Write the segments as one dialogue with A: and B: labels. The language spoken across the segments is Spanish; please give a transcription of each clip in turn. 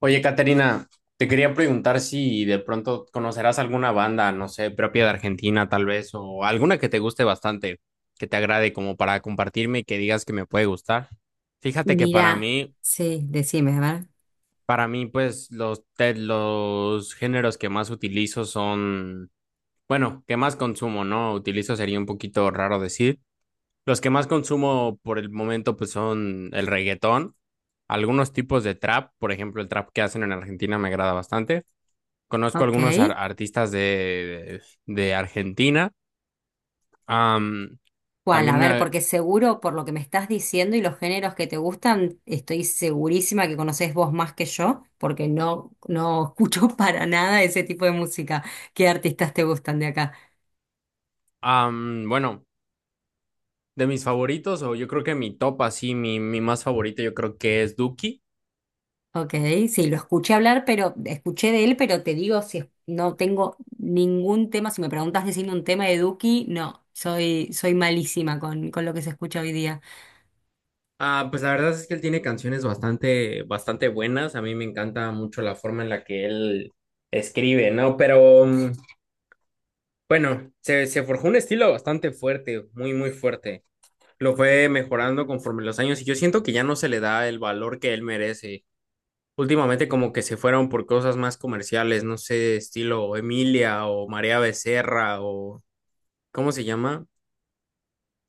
A: Oye, Caterina, te quería preguntar si de pronto conocerás alguna banda, no sé, propia de Argentina tal vez, o alguna que te guste bastante, que te agrade como para compartirme y que digas que me puede gustar. Fíjate que
B: Mira, sí, decime, a ver.
A: para mí, pues los géneros que más utilizo son, bueno, que más consumo, ¿no? Utilizo sería un poquito raro decir. Los que más consumo por el momento, pues son el reggaetón, algunos tipos de trap, por ejemplo, el trap que hacen en Argentina me agrada bastante. Conozco
B: Ok.
A: algunos artistas de Argentina. Am,
B: ¿Cuál? A
A: también
B: ver,
A: me...
B: porque seguro por lo que me estás diciendo y los géneros que te gustan, estoy segurísima que conocés vos más que yo, porque no escucho para nada ese tipo de música. ¿Qué artistas te gustan de acá?
A: bueno, de mis favoritos, o yo creo que mi top así, mi más favorito, yo creo que es Duki.
B: Ok, sí, lo escuché hablar, pero escuché de él, pero te digo, no tengo ningún tema, si me preguntas decirme un tema de Duki, no, soy malísima con lo que se escucha hoy día.
A: Ah, pues la verdad es que él tiene canciones bastante, bastante buenas. A mí me encanta mucho la forma en la que él escribe, ¿no? Pero bueno, se forjó un estilo bastante fuerte, muy, muy fuerte. Lo fue mejorando conforme los años y yo siento que ya no se le da el valor que él merece. Últimamente como que se fueron por cosas más comerciales, no sé, estilo Emilia o María Becerra o ¿cómo se llama?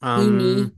A: Am,
B: Tini.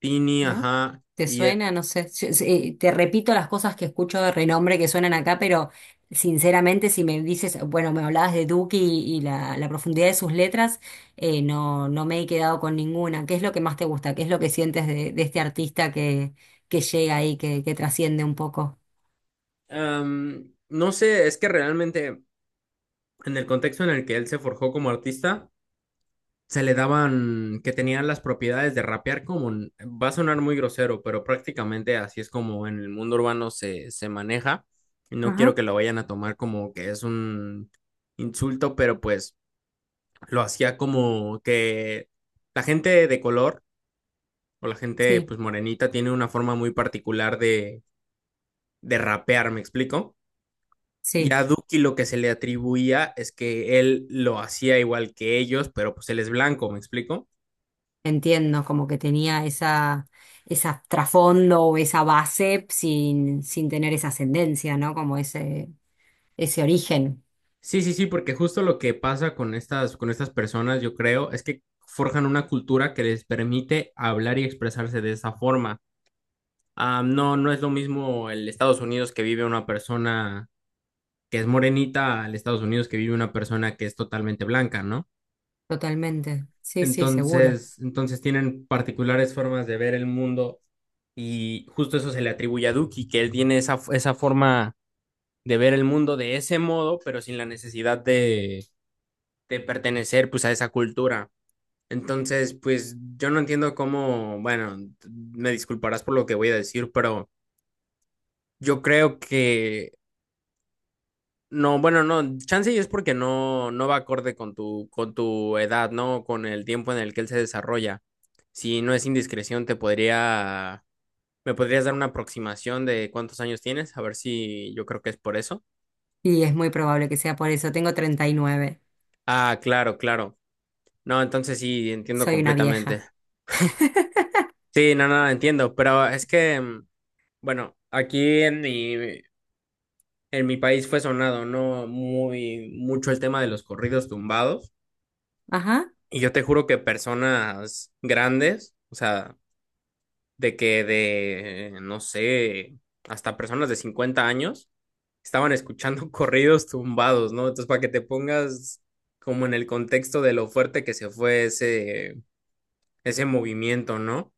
A: Tini,
B: ¿No?
A: ajá.
B: ¿Te
A: Y
B: suena? No sé. Sí, te repito las cosas que escucho de renombre que suenan acá, pero sinceramente, si me dices, bueno, me hablabas de Duki y la profundidad de sus letras, no, no me he quedado con ninguna. ¿Qué es lo que más te gusta? ¿Qué es lo que sientes de este artista que llega ahí, que trasciende un poco?
A: no sé, es que realmente en el contexto en el que él se forjó como artista, se le daban que tenían las propiedades de rapear como, un- va a sonar muy grosero, pero prácticamente así es como en el mundo urbano se maneja. No
B: Ajá.
A: quiero que lo vayan a tomar como que es un insulto, pero pues lo hacía como que la gente de color o la gente
B: Sí,
A: pues morenita tiene una forma muy particular de rapear, ¿me explico? Y
B: sí,
A: a Duki lo que se le atribuía es que él lo hacía igual que ellos, pero pues él es blanco, ¿me explico?
B: entiendo, como que tenía esa, esa trasfondo o esa base sin tener esa ascendencia, ¿no? Como ese origen.
A: Sí, sí, sí, porque justo lo que pasa con con estas personas, yo creo, es que forjan una cultura que les permite hablar y expresarse de esa forma. Ah, no, no es lo mismo el Estados Unidos que vive una persona que es morenita al Estados Unidos que vive una persona que es totalmente blanca, ¿no?
B: Totalmente. Sí, sí, seguro.
A: Entonces tienen particulares formas de ver el mundo y justo eso se le atribuye a Duki, que él tiene esa forma de ver el mundo de ese modo, pero sin la necesidad de pertenecer pues a esa cultura. Entonces, pues yo no entiendo cómo, bueno, me disculparás por lo que voy a decir, pero yo creo que no, bueno, no, chance y es porque no, no va acorde con con tu edad, ¿no? Con el tiempo en el que él se desarrolla. Si no es indiscreción, te podría, me podrías dar una aproximación de cuántos años tienes, a ver si yo creo que es por eso.
B: Y es muy probable que sea por eso. Tengo 39.
A: Ah, claro, claro. No, entonces sí, entiendo
B: Soy una
A: completamente.
B: vieja.
A: Sí, no, no, entiendo, pero es que, bueno, aquí en mi país fue sonado, ¿no? Muy, mucho el tema de los corridos tumbados.
B: Ajá.
A: Y yo te juro que personas grandes, o sea, no sé, hasta personas de 50 años, estaban escuchando corridos tumbados, ¿no? Entonces, para que te pongas como en el contexto de lo fuerte que se fue ese movimiento, ¿no?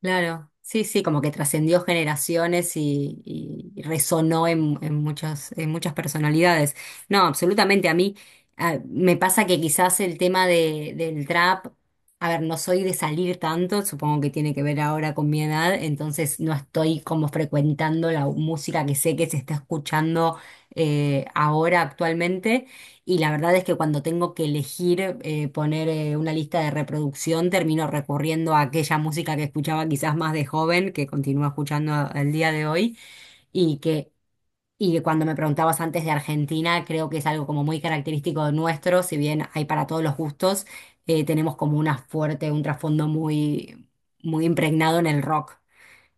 B: Claro, sí, sí, como que trascendió generaciones y resonó en muchas personalidades. No, absolutamente, a mí me pasa que quizás el tema del trap, a ver, no soy de salir tanto, supongo que tiene que ver ahora con mi edad, entonces no estoy como frecuentando la música que sé que se está escuchando ahora actualmente. Y la verdad es que cuando tengo que elegir poner una lista de reproducción, termino recurriendo a aquella música que escuchaba quizás más de joven, que continúo escuchando al día de hoy, y que, y que cuando me preguntabas antes de Argentina, creo que es algo como muy característico nuestro, si bien hay para todos los gustos, tenemos como una fuerte, un trasfondo muy, muy impregnado en el rock,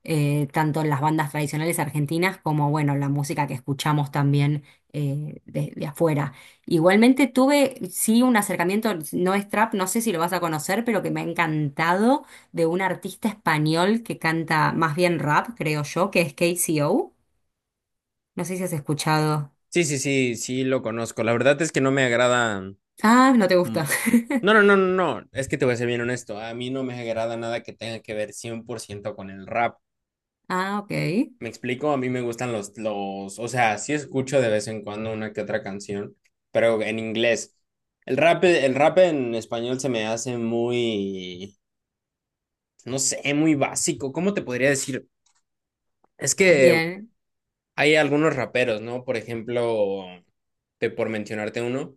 B: tanto en las bandas tradicionales argentinas como, bueno, la música que escuchamos también de afuera. Igualmente tuve, sí, un acercamiento, no es trap, no sé si lo vas a conocer, pero que me ha encantado de un artista español que canta más bien rap, creo yo, que es KCO. No sé si has escuchado.
A: Sí, sí, sí, sí, lo conozco. La verdad es que no me agrada.
B: Ah, no te
A: mm,
B: gusta.
A: No, no, no, no, no. Es que te voy a ser bien honesto. A mí no me agrada nada que tenga que ver 100% con el rap.
B: Ah, ok.
A: Me explico, a mí me gustan o sea, sí escucho de vez en cuando una que otra canción, pero en inglés. El rap en español se me hace muy, no sé, muy básico. ¿Cómo te podría decir? Es que
B: Bien.
A: hay algunos raperos, ¿no? Por ejemplo, te- por mencionarte uno,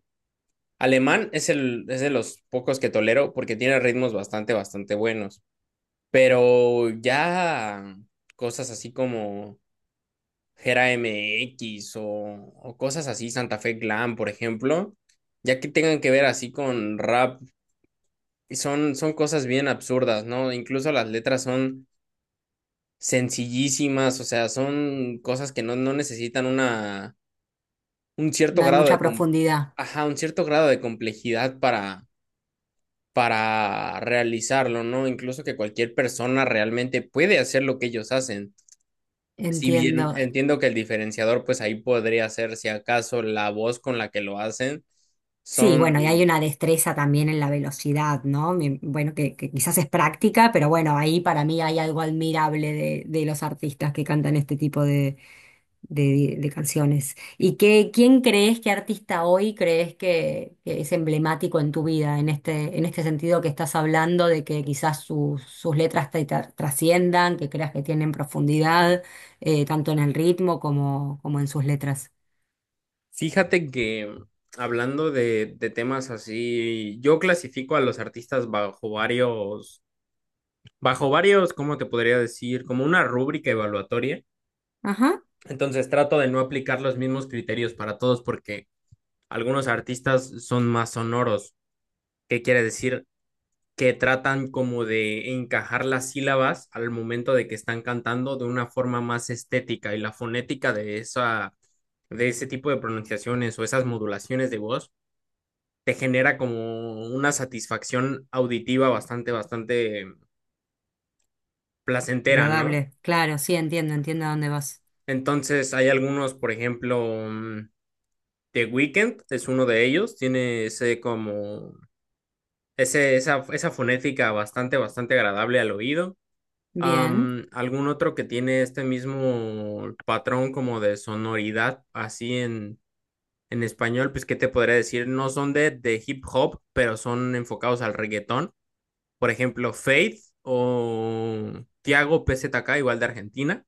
A: Alemán es de los pocos que tolero porque tiene ritmos bastante, bastante buenos. Pero ya cosas así como Gera MX o cosas así, Santa Fe Glam, por ejemplo, ya que tengan que ver así con rap, y son, son cosas bien absurdas, ¿no? Incluso las letras son sencillísimas, o sea, son cosas que no, no necesitan una, un cierto
B: No hay
A: grado
B: mucha
A: de, com-
B: profundidad.
A: ajá, un cierto grado de complejidad para realizarlo, ¿no? Incluso que cualquier persona realmente puede hacer lo que ellos hacen. Si bien
B: Entiendo.
A: entiendo que el diferenciador, pues ahí podría ser si acaso la voz con la que lo hacen.
B: Sí,
A: Son,
B: bueno, y hay una destreza también en la velocidad, ¿no? Bueno, que quizás es práctica, pero bueno, ahí para mí hay algo admirable de los artistas que cantan este tipo de canciones. ¿Y qué, quién crees, qué artista hoy crees que es emblemático en tu vida, en este sentido que estás hablando de que quizás sus sus letras trasciendan, que creas que tienen profundidad, tanto en el ritmo como, como en sus letras?
A: fíjate que hablando de temas así, yo clasifico a los artistas bajo varios, ¿cómo te podría decir? Como una rúbrica evaluatoria.
B: Ajá,
A: Entonces trato de no aplicar los mismos criterios para todos porque algunos artistas son más sonoros. ¿Qué quiere decir? Que tratan como de encajar las sílabas al momento de que están cantando de una forma más estética y la fonética de esa de ese tipo de pronunciaciones o esas modulaciones de voz te genera como una satisfacción auditiva bastante bastante placentera, ¿no?
B: agradable, claro, sí, entiendo, entiendo a dónde vas.
A: Entonces hay algunos, por ejemplo, mm, The Weeknd es uno de ellos, tiene ese como esa fonética bastante bastante agradable al oído.
B: Bien.
A: ¿Algún otro que tiene este mismo patrón como de sonoridad así en español? Pues, ¿qué te podría decir? No son de hip hop, pero son enfocados al reggaetón. Por ejemplo, Faith o Tiago PZK, igual de Argentina,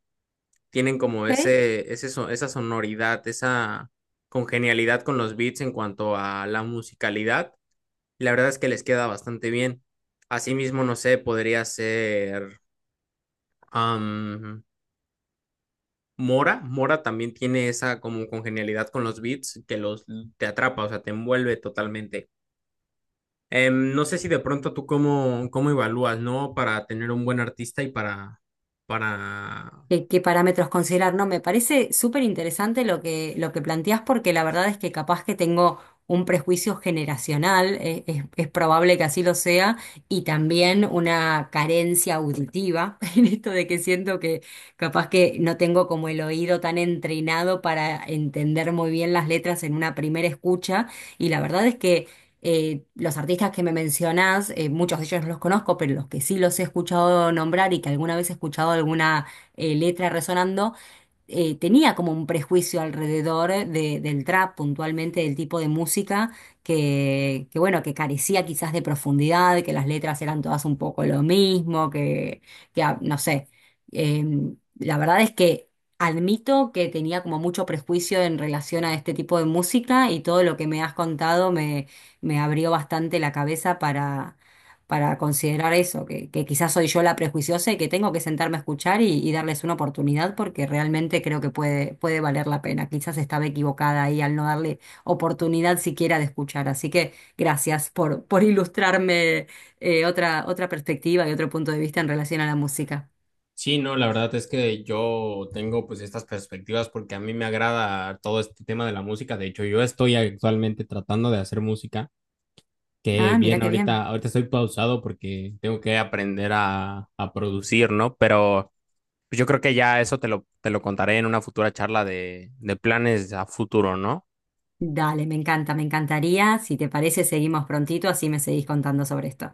A: tienen como
B: Ok.
A: esa sonoridad, esa congenialidad con los beats en cuanto a la musicalidad. Y la verdad es que les queda bastante bien. Asimismo, no sé, podría ser... Mora, Mora también tiene esa como congenialidad con los beats que los te atrapa, o sea, te envuelve totalmente. No sé si de pronto tú cómo, cómo evalúas, ¿no? Para tener un buen artista y para...
B: Qué, qué parámetros considerar. No, me parece súper interesante lo que planteás porque la verdad es que capaz que tengo un prejuicio generacional, es probable que así lo sea, y también una carencia auditiva en esto de que siento que capaz que no tengo como el oído tan entrenado para entender muy bien las letras en una primera escucha, y la verdad es que... los artistas que me mencionás, muchos de ellos no los conozco, pero los que sí los he escuchado nombrar y que alguna vez he escuchado alguna letra resonando, tenía como un prejuicio alrededor del trap, puntualmente del tipo de música que, bueno, que carecía quizás de profundidad, que las letras eran todas un poco lo mismo, que, no sé. La verdad es que admito que tenía como mucho prejuicio en relación a este tipo de música y todo lo que me has contado me, me abrió bastante la cabeza para considerar eso, que quizás soy yo la prejuiciosa y que tengo que sentarme a escuchar y darles una oportunidad porque realmente creo que puede, puede valer la pena. Quizás estaba equivocada ahí al no darle oportunidad siquiera de escuchar. Así que gracias por ilustrarme otra perspectiva y otro punto de vista en relación a la música.
A: Sí, no, la verdad es que yo tengo pues estas perspectivas porque a mí me agrada todo este tema de la música. De hecho, yo estoy actualmente tratando de hacer música, que
B: Ah, mira
A: bien
B: qué
A: ahorita,
B: bien.
A: ahorita estoy pausado porque tengo que aprender a producir, ¿no? Pero pues yo creo que ya eso te te lo contaré en una futura charla de planes a futuro, ¿no?
B: Dale, me encanta, me encantaría. Si te parece, seguimos prontito, así me seguís contando sobre esto.